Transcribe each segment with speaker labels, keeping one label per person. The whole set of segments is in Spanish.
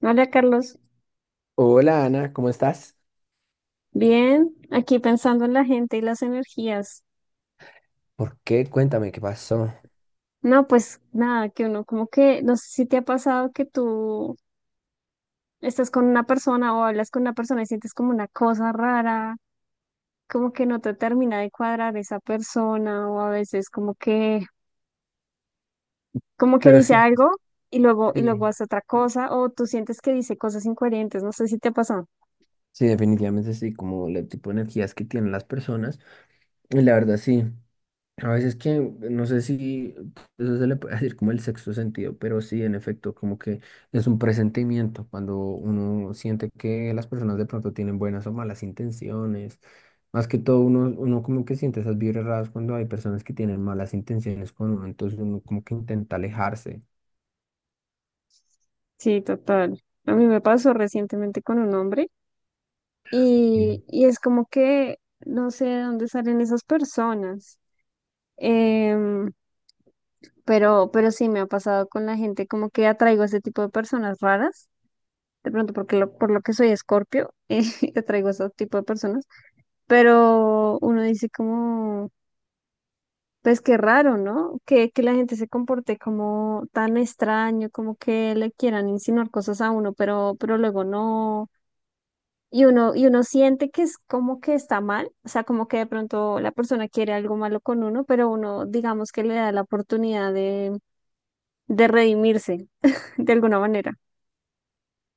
Speaker 1: Hola Carlos,
Speaker 2: Hola Ana, ¿cómo estás?
Speaker 1: bien, aquí pensando en la gente y las energías.
Speaker 2: ¿Por qué? Cuéntame qué pasó.
Speaker 1: No, pues nada, que uno como que, no sé si te ha pasado que tú estás con una persona o hablas con una persona y sientes como una cosa rara, como que no te termina de cuadrar esa persona o a veces como que
Speaker 2: Pero
Speaker 1: dice
Speaker 2: sí,
Speaker 1: algo y luego
Speaker 2: sí.
Speaker 1: hace otra cosa o tú sientes que dice cosas incoherentes, no sé si te ha pasado.
Speaker 2: Sí, definitivamente sí, como el tipo de energías que tienen las personas. Y la verdad sí, a veces que no sé si eso se le puede decir como el sexto sentido, pero sí, en efecto, como que es un presentimiento cuando uno siente que las personas de pronto tienen buenas o malas intenciones. Más que todo, uno como que siente esas vibras raras cuando hay personas que tienen malas intenciones con uno, entonces uno como que intenta alejarse.
Speaker 1: Sí, total. A mí me pasó recientemente con un hombre. Y es como que no sé de dónde salen esas personas. Em, pero sí me ha pasado con la gente, como que atraigo a ese tipo de personas raras. De pronto, porque por lo que soy Escorpio, atraigo a ese tipo de personas. Pero uno dice como, pues qué raro, ¿no? Que la gente se comporte como tan extraño, como que le quieran insinuar cosas a uno, pero luego no. Y uno siente que es como que está mal, o sea, como que de pronto la persona quiere algo malo con uno, pero uno digamos que le da la oportunidad de redimirse de alguna manera.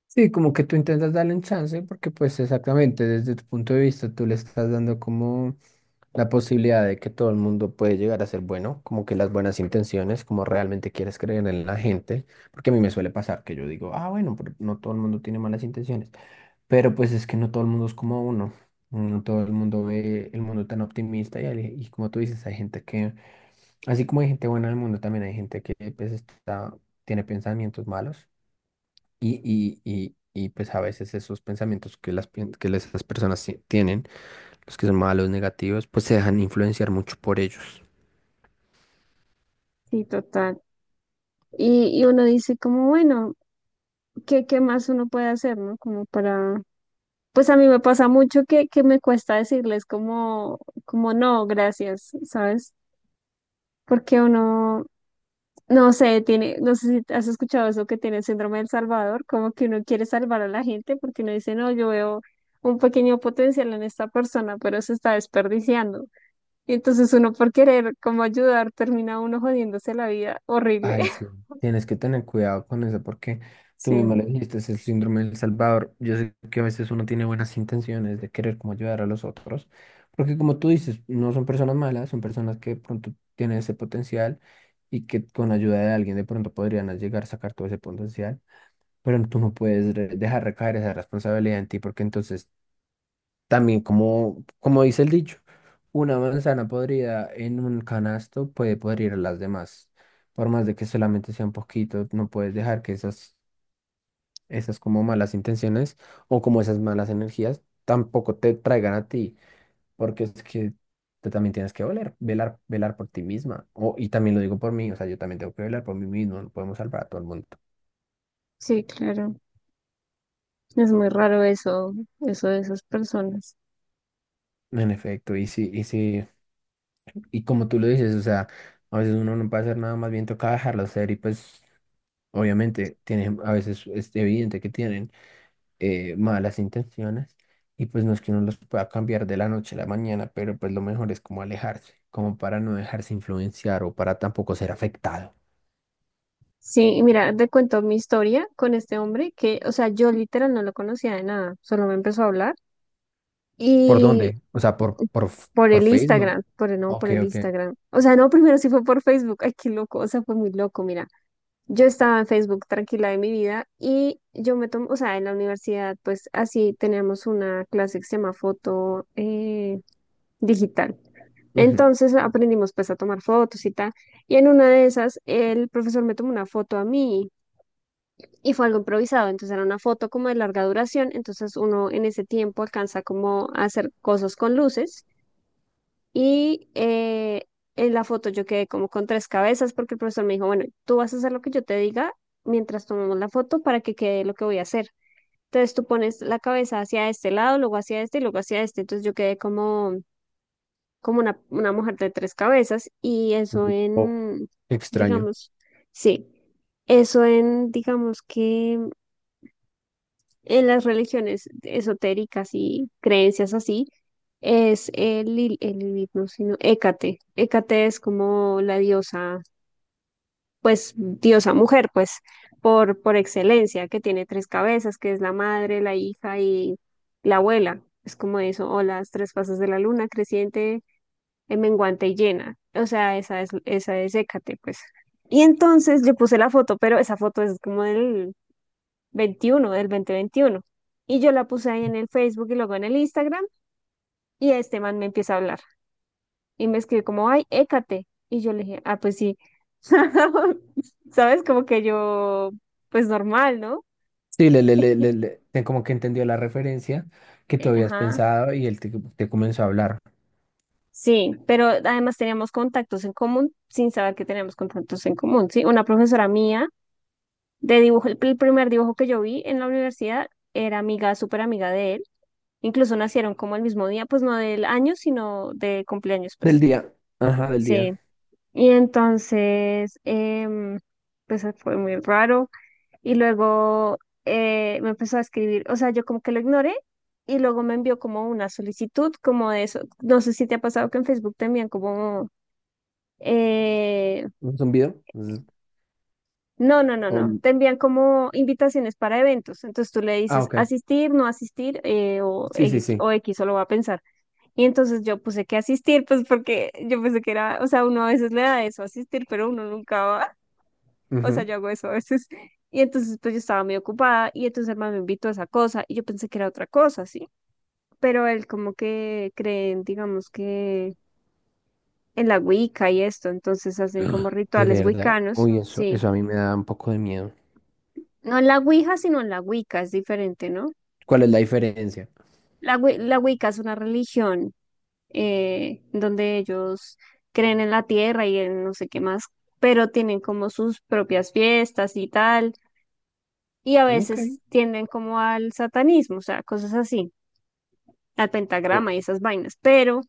Speaker 2: Sí, como que tú intentas darle un chance porque pues exactamente desde tu punto de vista tú le estás dando como la posibilidad de que todo el mundo puede llegar a ser bueno, como que las buenas intenciones, como realmente quieres creer en la gente, porque a mí me suele pasar que yo digo, ah, bueno, pero no todo el mundo tiene malas intenciones, pero pues es que no todo el mundo es como uno, no todo el mundo ve el mundo tan optimista y, y como tú dices, hay gente que, así como hay gente buena en el mundo, también hay gente que pues está, tiene pensamientos malos. Y, y pues a veces esos pensamientos que, que esas personas tienen, los que son malos, negativos, pues se dejan influenciar mucho por ellos.
Speaker 1: Sí, total. Y uno dice como, bueno, ¿qué más uno puede hacer?, ¿no? Como para... Pues a mí me pasa mucho que me cuesta decirles como, como no, gracias, ¿sabes? Porque uno, no sé, tiene, no sé si has escuchado eso que tiene el síndrome del Salvador, como que uno quiere salvar a la gente porque uno dice, no, yo veo un pequeño potencial en esta persona, pero se está desperdiciando. Y entonces uno por querer como ayudar termina uno jodiéndose la vida horrible.
Speaker 2: Ay, sí, tienes que tener cuidado con eso porque tú mismo
Speaker 1: Sí,
Speaker 2: lo dijiste, es el síndrome del Salvador. Yo sé que a veces uno tiene buenas intenciones de querer como ayudar a los otros, porque como tú dices, no son personas malas, son personas que de pronto tienen ese potencial y que con ayuda de alguien de pronto podrían llegar a sacar todo ese potencial. Pero tú no puedes dejar recaer esa responsabilidad en ti porque entonces también como, como dice el dicho, una manzana podrida en un canasto puede podrir a las demás. Por más de que solamente sea un poquito, no puedes dejar que esas como malas intenciones o como esas malas energías tampoco te traigan a ti, porque es que tú también tienes que velar por ti misma. O, y también lo digo por mí, o sea, yo también tengo que velar por mí mismo, no podemos salvar a todo el mundo.
Speaker 1: sí, claro. Es muy raro eso, eso de esas personas.
Speaker 2: En efecto, y sí, y como tú lo dices, o sea, a veces uno no puede hacer nada, más bien toca dejarlo ser y pues obviamente, tienen, a veces es evidente que tienen malas intenciones y pues no es que uno los pueda cambiar de la noche a la mañana, pero pues lo mejor es como alejarse, como para no dejarse influenciar o para tampoco ser afectado.
Speaker 1: Sí, y mira, te cuento mi historia con este hombre que, o sea, yo literal no lo conocía de nada, solo me empezó a hablar.
Speaker 2: ¿Por
Speaker 1: y
Speaker 2: dónde? O sea,
Speaker 1: Por
Speaker 2: por
Speaker 1: el
Speaker 2: Facebook.
Speaker 1: Instagram, no, por
Speaker 2: Ok,
Speaker 1: el
Speaker 2: ok.
Speaker 1: Instagram. O sea, no, primero sí fue por Facebook. Ay, qué loco, o sea, fue muy loco, mira. Yo estaba en Facebook tranquila de mi vida y yo me tomo, o sea, en la universidad, pues así teníamos una clase que se llama foto digital.
Speaker 2: Ujú.
Speaker 1: Entonces aprendimos pues a tomar fotos y tal. Y en una de esas, el profesor me tomó una foto a mí y fue algo improvisado. Entonces era una foto como de larga duración. Entonces uno en ese tiempo alcanza como a hacer cosas con luces. Y en la foto yo quedé como con tres cabezas porque el profesor me dijo, bueno, tú vas a hacer lo que yo te diga mientras tomamos la foto para que quede lo que voy a hacer. Entonces tú pones la cabeza hacia este lado, luego hacia este y luego hacia este. Entonces yo quedé como, como una mujer de tres cabezas y eso
Speaker 2: Oh,
Speaker 1: en,
Speaker 2: qué extraño.
Speaker 1: digamos, sí, eso en, digamos que en las religiones esotéricas y creencias así, es el, el Lilith, no, sino Hécate. Hécate es como la diosa, pues diosa mujer, pues por excelencia, que tiene tres cabezas, que es la madre, la hija y la abuela. Es como eso, o las tres fases de la luna, creciente, menguante y llena. O sea, esa es Hécate, pues. Y entonces yo puse la foto, pero esa foto es como del, 21 del 2021. Y yo la puse ahí en el Facebook y luego en el Instagram y este man me empieza a hablar y me escribe como, ay, écate. Y yo le dije, ah, pues sí. ¿Sabes? Como que yo, pues normal, ¿no?
Speaker 2: Sí, como que entendió la referencia que tú habías
Speaker 1: Ajá.
Speaker 2: pensado y te comenzó a hablar.
Speaker 1: Sí, pero además teníamos contactos en común sin saber que teníamos contactos en común, ¿sí? Una profesora mía de dibujo, el primer dibujo que yo vi en la universidad era amiga, súper amiga de él. Incluso nacieron como el mismo día, pues no del año, sino de cumpleaños, pues.
Speaker 2: Del día. Ajá, del
Speaker 1: Sí,
Speaker 2: día.
Speaker 1: y entonces, pues fue muy raro. Y luego me empezó a escribir, o sea, yo como que lo ignoré y luego me envió como una solicitud, como de eso. No sé si te ha pasado que en Facebook te envían como, eh,
Speaker 2: ¿Un zumbido? Zzz.
Speaker 1: no, no, no, no,
Speaker 2: O-
Speaker 1: te envían como invitaciones para eventos. Entonces tú le
Speaker 2: ah,
Speaker 1: dices
Speaker 2: ok.
Speaker 1: asistir, no asistir o,
Speaker 2: Sí, sí, sí.
Speaker 1: O X solo va a pensar. Y entonces yo puse que asistir, pues porque yo pensé que era, o sea, uno a veces le da eso, asistir, pero uno nunca va. O sea,
Speaker 2: Ujú.
Speaker 1: yo hago eso a veces. Y entonces, pues yo estaba muy ocupada y entonces el man me invitó a esa cosa y yo pensé que era otra cosa, ¿sí? Pero él como que creen, digamos que en la Wicca y esto, entonces hacen
Speaker 2: Ah.
Speaker 1: como
Speaker 2: De
Speaker 1: rituales
Speaker 2: verdad.
Speaker 1: wiccanos,
Speaker 2: Uy,
Speaker 1: sí.
Speaker 2: eso a mí me da un poco de miedo.
Speaker 1: No en la Ouija, sino en la Wicca, es diferente, ¿no?
Speaker 2: ¿Cuál es la diferencia?
Speaker 1: La, la Wicca es una religión donde ellos creen en la tierra y en no sé qué más, pero tienen como sus propias fiestas y tal, y a
Speaker 2: Ok.
Speaker 1: veces tienden como al satanismo, o sea, cosas así. Al
Speaker 2: No.
Speaker 1: pentagrama y esas vainas, pero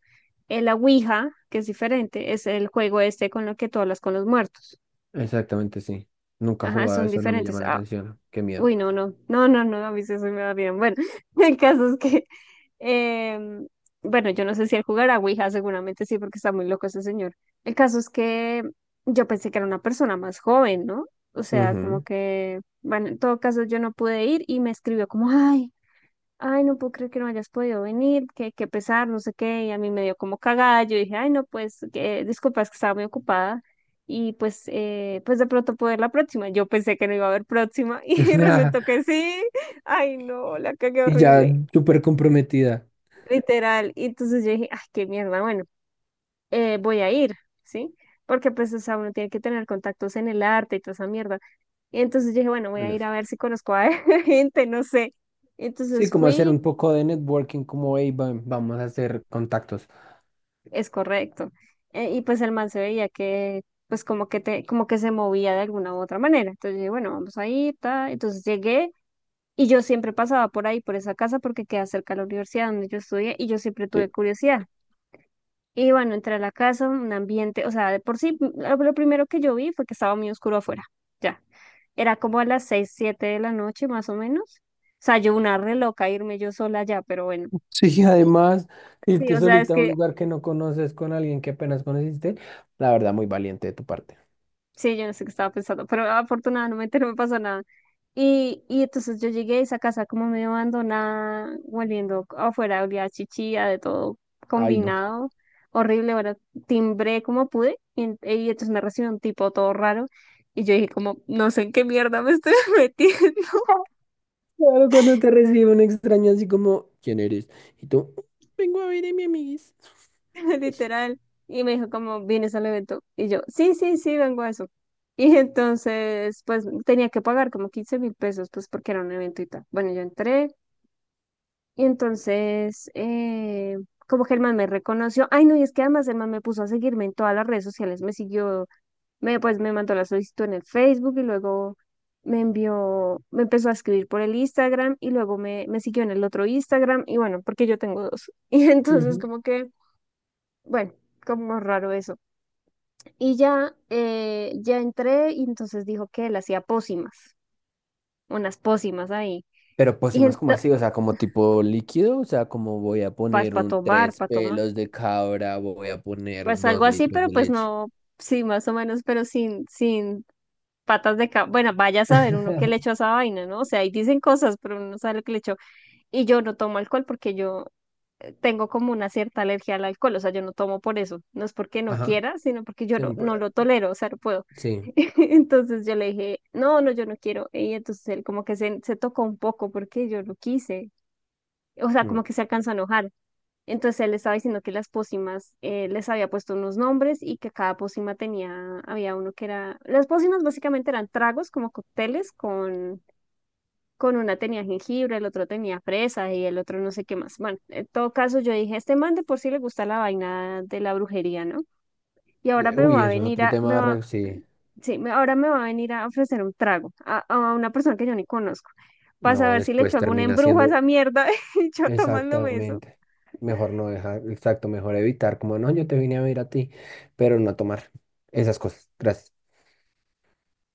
Speaker 1: el la Ouija, que es diferente, es el juego este con lo que tú hablas con los muertos.
Speaker 2: Exactamente, sí. Nunca he
Speaker 1: Ajá,
Speaker 2: jugado,
Speaker 1: son
Speaker 2: eso no me
Speaker 1: diferentes.
Speaker 2: llama la
Speaker 1: Ah,
Speaker 2: atención. Qué miedo.
Speaker 1: uy, no, no, no, no, no, a mí eso me va bien. Bueno, el caso es que, eh, bueno, yo no sé si él jugará Ouija, seguramente sí, porque está muy loco ese señor. El caso es que yo pensé que era una persona más joven, ¿no? O sea, como
Speaker 2: Ujú.
Speaker 1: que, bueno, en todo caso yo no pude ir y me escribió como, ay, ay, no puedo creer que no hayas podido venir, que qué pesar, no sé qué, y a mí me dio como cagada, yo dije, ay, no, pues, que, disculpa, es que estaba muy ocupada, y pues, pues de pronto puedo ir la próxima, yo pensé que no iba a haber próxima, y resultó que sí, ay, no, la cagué
Speaker 2: Y ya
Speaker 1: horrible,
Speaker 2: súper comprometida.
Speaker 1: literal, y entonces yo dije, ay, qué mierda, bueno, voy a ir, ¿sí? Porque pues, o sea, uno tiene que tener contactos en el arte y toda esa mierda, y entonces yo dije, bueno, voy
Speaker 2: En
Speaker 1: a ir a ver
Speaker 2: efecto.
Speaker 1: si conozco a gente, no sé,
Speaker 2: Sí,
Speaker 1: entonces
Speaker 2: como hacer
Speaker 1: fui.
Speaker 2: un poco de networking, como, hey, vamos a hacer contactos.
Speaker 1: Es correcto. Y pues el man se veía que, pues como que te, como que se movía de alguna u otra manera. Entonces yo dije, bueno, vamos ahí, ta. Entonces llegué y yo siempre pasaba por ahí, por esa casa, porque queda cerca de la universidad donde yo estudié y yo siempre
Speaker 2: Sí,
Speaker 1: tuve curiosidad. Y bueno, entré a la casa, un ambiente, o sea, de por sí, lo primero que yo vi fue que estaba muy oscuro afuera. Ya. Era como a las seis, siete de la noche más o menos. O sea, yo una re loca irme yo sola allá, pero bueno.
Speaker 2: Sí, además,
Speaker 1: Sí,
Speaker 2: irte
Speaker 1: o sea, es
Speaker 2: solita a un
Speaker 1: que
Speaker 2: lugar que no conoces con alguien que apenas conociste, la verdad, muy valiente de tu parte.
Speaker 1: sí, yo no sé qué estaba pensando, pero afortunadamente no me pasó nada. Y entonces yo llegué a esa casa como medio abandonada, volviendo afuera, olía a chichilla, de todo
Speaker 2: Ay, no.
Speaker 1: combinado, horrible. Bueno, timbré como pude y entonces me recibió un tipo todo raro. Y yo dije como, no sé en qué mierda me estoy metiendo,
Speaker 2: Claro, cuando te recibe un extraño así como, ¿quién eres? Y tú, vengo a ver a mi amiguis.
Speaker 1: literal. Y me dijo como, ¿vienes al evento? Y yo, sí, sí, sí, vengo a eso. Y entonces, pues tenía que pagar como 15.000 pesos, pues porque era un evento y tal. Bueno, yo entré. Y entonces, como que el man me reconoció. Ay, no, y es que además el man me puso a seguirme en todas las redes sociales. Me siguió, pues me mandó la solicitud en el Facebook y luego me envió, me empezó a escribir por el Instagram y luego me siguió en el otro Instagram. Y bueno, porque yo tengo dos. Y entonces,
Speaker 2: Ujú.
Speaker 1: como que, bueno, como raro eso. Y ya, ya entré y entonces dijo que él hacía pócimas, unas pócimas ahí.
Speaker 2: Pero pues sí,
Speaker 1: Y
Speaker 2: más como
Speaker 1: entonces,
Speaker 2: así, o sea, como tipo líquido, o sea, como voy a poner
Speaker 1: para
Speaker 2: un
Speaker 1: tomar,
Speaker 2: tres
Speaker 1: para tomar.
Speaker 2: pelos de cabra, voy a poner
Speaker 1: Pues algo
Speaker 2: dos
Speaker 1: así,
Speaker 2: litros
Speaker 1: pero
Speaker 2: de
Speaker 1: pues
Speaker 2: leche.
Speaker 1: no, sí, más o menos, pero sin patas de cabra. Bueno, vaya a saber uno qué le echó a esa vaina, ¿no? O sea, ahí dicen cosas, pero uno no sabe lo que le echó. Y yo no tomo alcohol porque yo tengo como una cierta alergia al alcohol, o sea, yo no tomo por eso. No es porque no
Speaker 2: Ajá.
Speaker 1: quiera, sino porque yo
Speaker 2: Sí.
Speaker 1: no,
Speaker 2: no,
Speaker 1: no
Speaker 2: pero-
Speaker 1: lo tolero, o sea, no puedo.
Speaker 2: sí,
Speaker 1: Entonces yo le dije, no, no, yo no quiero. Y entonces él como que se tocó un poco porque yo no quise. O sea, como
Speaker 2: no.
Speaker 1: que se alcanzó a enojar. Entonces él estaba diciendo que las pócimas les había puesto unos nombres y que cada pócima tenía, había uno que era, las pócimas básicamente eran tragos como cócteles con una tenía jengibre, el otro tenía fresa y el otro no sé qué más. Bueno, en todo caso yo dije, este man de por sí le gusta la vaina de la brujería, ¿no? Y ahora me
Speaker 2: Uy,
Speaker 1: va a
Speaker 2: eso es
Speaker 1: venir
Speaker 2: otro
Speaker 1: a, me
Speaker 2: tema,
Speaker 1: va,
Speaker 2: re- sí.
Speaker 1: sí, ahora me va a venir a ofrecer un trago a una persona que yo ni conozco. Para
Speaker 2: No,
Speaker 1: saber si le echo
Speaker 2: después
Speaker 1: algún
Speaker 2: termina
Speaker 1: embrujo a esa
Speaker 2: siendo
Speaker 1: mierda, y yo tomándome eso.
Speaker 2: exactamente. Mejor no dejar, exacto, mejor evitar, como no, yo te vine a ver a ti, pero no a tomar esas cosas. Gracias.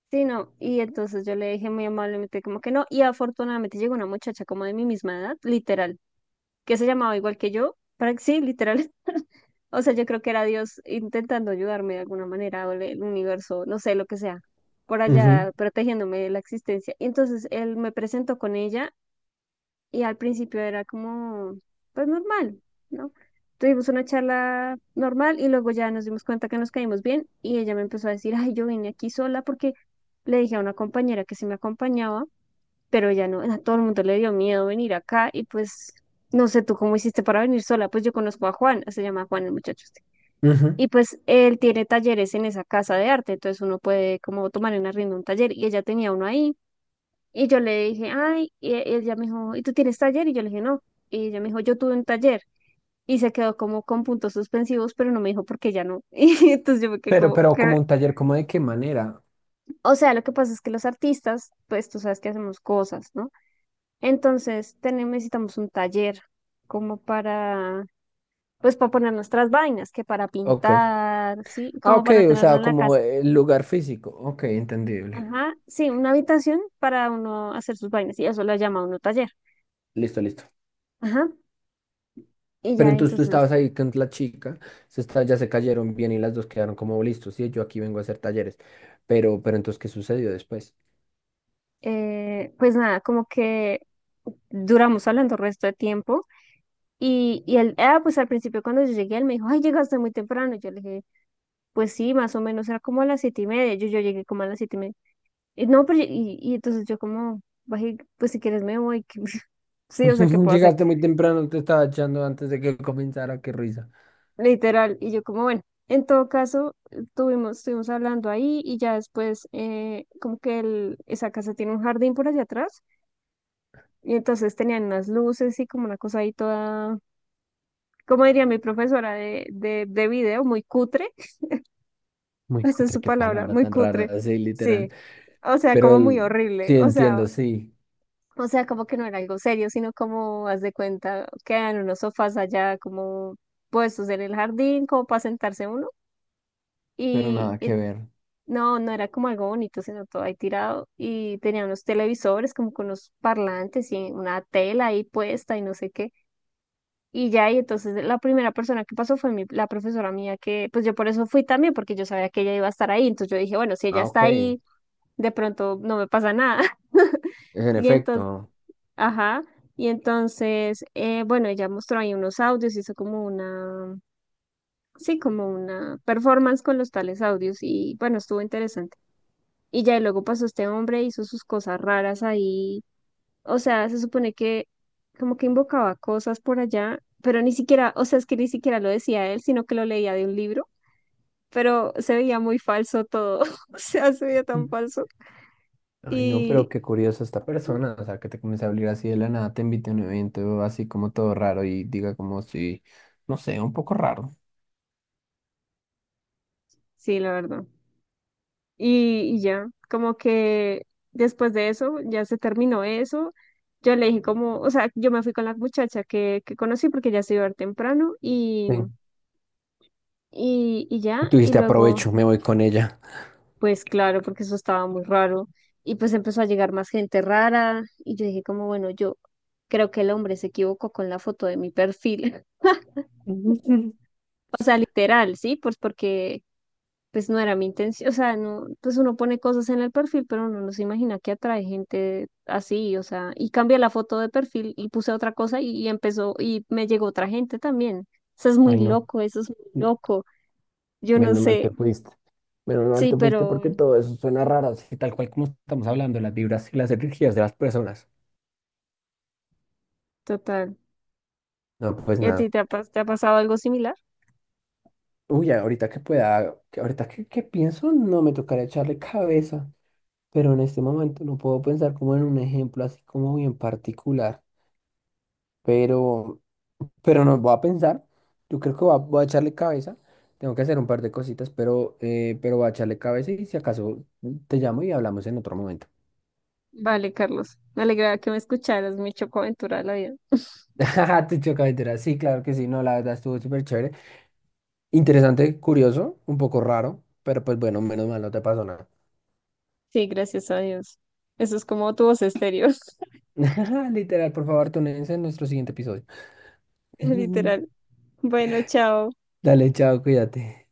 Speaker 1: Sí, no, y entonces yo le dije muy amablemente como que no, y afortunadamente llegó una muchacha como de mi misma edad, literal, que se llamaba igual que yo, para sí, literal, o sea, yo creo que era Dios intentando ayudarme de alguna manera, o el universo, no sé, lo que sea, por
Speaker 2: Ujú.
Speaker 1: allá protegiéndome de la existencia. Y entonces él me presentó con ella y al principio era como, pues normal, ¿no? Tuvimos una charla normal y luego ya nos dimos cuenta que nos caímos bien y ella me empezó a decir, ay, yo vine aquí sola porque le dije a una compañera que se me acompañaba, pero ya no, a todo el mundo le dio miedo venir acá y pues no sé tú cómo hiciste para venir sola, pues yo conozco a Juan, se llama Juan el muchacho este.
Speaker 2: Ujú.
Speaker 1: Y pues él tiene talleres en esa casa de arte, entonces uno puede como tomar en arriendo un taller y ella tenía uno ahí y yo le dije, ay, y ella me dijo, ¿y tú tienes taller? Y yo le dije, no. Y ella me dijo, yo tuve un taller. Y se quedó como con puntos suspensivos, pero no me dijo por qué ya no. Y entonces yo me quedé
Speaker 2: Pero,
Speaker 1: como,
Speaker 2: pero
Speaker 1: ¿qué?
Speaker 2: como un taller, ¿cómo de qué manera?
Speaker 1: O sea, lo que pasa es que los artistas, pues tú sabes que hacemos cosas, ¿no? Entonces tenemos, necesitamos un taller como para, pues para poner nuestras vainas, que para
Speaker 2: Ok.
Speaker 1: pintar, ¿sí?
Speaker 2: Ah,
Speaker 1: Como
Speaker 2: ok,
Speaker 1: para
Speaker 2: o
Speaker 1: tenerlo
Speaker 2: sea,
Speaker 1: en la
Speaker 2: como
Speaker 1: casa.
Speaker 2: el lugar físico. Ok, entendible.
Speaker 1: Ajá, sí, una habitación para uno hacer sus vainas. Y eso la llama uno taller.
Speaker 2: Listo, listo.
Speaker 1: Ajá. Y
Speaker 2: Pero
Speaker 1: ya
Speaker 2: entonces tú
Speaker 1: entonces.
Speaker 2: estabas ahí con la chica, se está, ya se cayeron bien y las dos quedaron como listos. Sí, yo aquí vengo a hacer talleres. Pero entonces, ¿qué sucedió después?
Speaker 1: Pues nada, como que duramos hablando el resto de tiempo y él, ah, pues al principio cuando yo llegué, él me dijo, ay, llegaste muy temprano. Yo le dije, pues sí, más o menos era como a las 7:30. Yo, yo llegué como a las 7:30. Y no, pero y entonces yo como, bajé, pues si quieres me voy. Sí, o sea, ¿qué puedo hacer?
Speaker 2: Llegaste muy temprano, te estaba echando antes de que comenzara, qué risa.
Speaker 1: Literal. Y yo como, bueno, en todo caso, tuvimos, estuvimos hablando ahí y ya después, como que el, esa casa tiene un jardín por allá atrás. Y entonces tenían unas luces y como una cosa ahí toda como diría mi profesora de video, muy cutre,
Speaker 2: Muy
Speaker 1: esa es
Speaker 2: cutre,
Speaker 1: su
Speaker 2: qué
Speaker 1: palabra,
Speaker 2: palabra
Speaker 1: muy
Speaker 2: tan rara,
Speaker 1: cutre,
Speaker 2: así literal.
Speaker 1: sí, o sea, como muy horrible,
Speaker 2: Sí, entiendo, sí,
Speaker 1: o sea, como que no era algo serio, sino como, haz de cuenta, quedan unos sofás allá como puestos en el jardín, como para sentarse uno,
Speaker 2: pero nada
Speaker 1: y
Speaker 2: que ver.
Speaker 1: no, no era como algo bonito, sino todo ahí tirado, y tenía unos televisores como con unos parlantes y una tela ahí puesta y no sé qué. Y ya, y entonces la primera persona que pasó fue mi, la profesora mía, que pues yo por eso fui también, porque yo sabía que ella iba a estar ahí. Entonces yo dije, bueno, si ella
Speaker 2: Ah, ok,
Speaker 1: está
Speaker 2: en
Speaker 1: ahí, de pronto no me pasa nada. Y entonces,
Speaker 2: efecto.
Speaker 1: ajá. Y entonces, bueno, ella mostró ahí unos audios, hizo como una, sí, como una performance con los tales audios. Y bueno, estuvo interesante. Y ya, y luego pasó este hombre, hizo sus cosas raras ahí o sea, se supone que como que invocaba cosas por allá, pero ni siquiera, o sea, es que ni siquiera lo decía él, sino que lo leía de un libro, pero se veía muy falso todo, o sea, se veía tan falso.
Speaker 2: Ay, no, pero
Speaker 1: Y
Speaker 2: qué curiosa esta persona, o sea, que te comience a hablar así de la nada, te invite a un evento así como todo raro y diga como si, no sé, un poco raro.
Speaker 1: sí, la verdad. Y ya, como que después de eso, ya se terminó eso. Yo le dije como, o sea, yo me fui con la muchacha que conocí porque ya se iba a ir temprano
Speaker 2: Ven,
Speaker 1: y
Speaker 2: y
Speaker 1: ya,
Speaker 2: tú
Speaker 1: y
Speaker 2: dijiste,
Speaker 1: luego...
Speaker 2: aprovecho, me voy con ella.
Speaker 1: Pues claro, porque eso estaba muy raro. Y pues empezó a llegar más gente rara. Y yo dije como, bueno, yo creo que el hombre se equivocó con la foto de mi perfil.
Speaker 2: Ujú.
Speaker 1: O sea, literal, ¿sí? Pues porque pues no era mi intención. O sea, no, pues uno pone cosas en el perfil, pero uno no se imagina que atrae gente así. O sea, y cambié la foto de perfil y puse otra cosa y empezó, y me llegó otra gente también. Eso es muy
Speaker 2: Ay, no,
Speaker 1: loco, eso es muy
Speaker 2: mm,
Speaker 1: loco. Yo no
Speaker 2: menos mal
Speaker 1: sé,
Speaker 2: te fuiste. Menos mal
Speaker 1: sí,
Speaker 2: te fuiste
Speaker 1: pero
Speaker 2: porque todo eso suena raro, así tal cual como estamos hablando, las vibras y las energías de las personas.
Speaker 1: total.
Speaker 2: No, pues
Speaker 1: ¿Y a ti
Speaker 2: nada.
Speaker 1: te ha, te ha pasado algo similar?
Speaker 2: Uy, ahorita que pueda, que pienso, no me tocará echarle cabeza, pero en este momento no puedo pensar como en un ejemplo así como bien particular. pero, pero nos va a pensar. Yo creo que voy a echarle cabeza. Tengo que hacer un par de cositas, pero voy a echarle cabeza y si acaso te llamo y hablamos en otro momento.
Speaker 1: Vale, Carlos. Me alegra que me escucharas, mi chocoaventura de la vida.
Speaker 2: Ajá, te choca entera. Sí, claro que sí. No, la verdad estuvo súper chévere. Interesante, curioso, un poco raro, pero pues bueno, menos mal no te pasó nada.
Speaker 1: Sí, gracias a Dios. Eso es como tu voz estéreo,
Speaker 2: Literal, por favor, túnense en nuestro siguiente episodio.
Speaker 1: literal. Bueno, chao.
Speaker 2: Dale, chao, cuídate.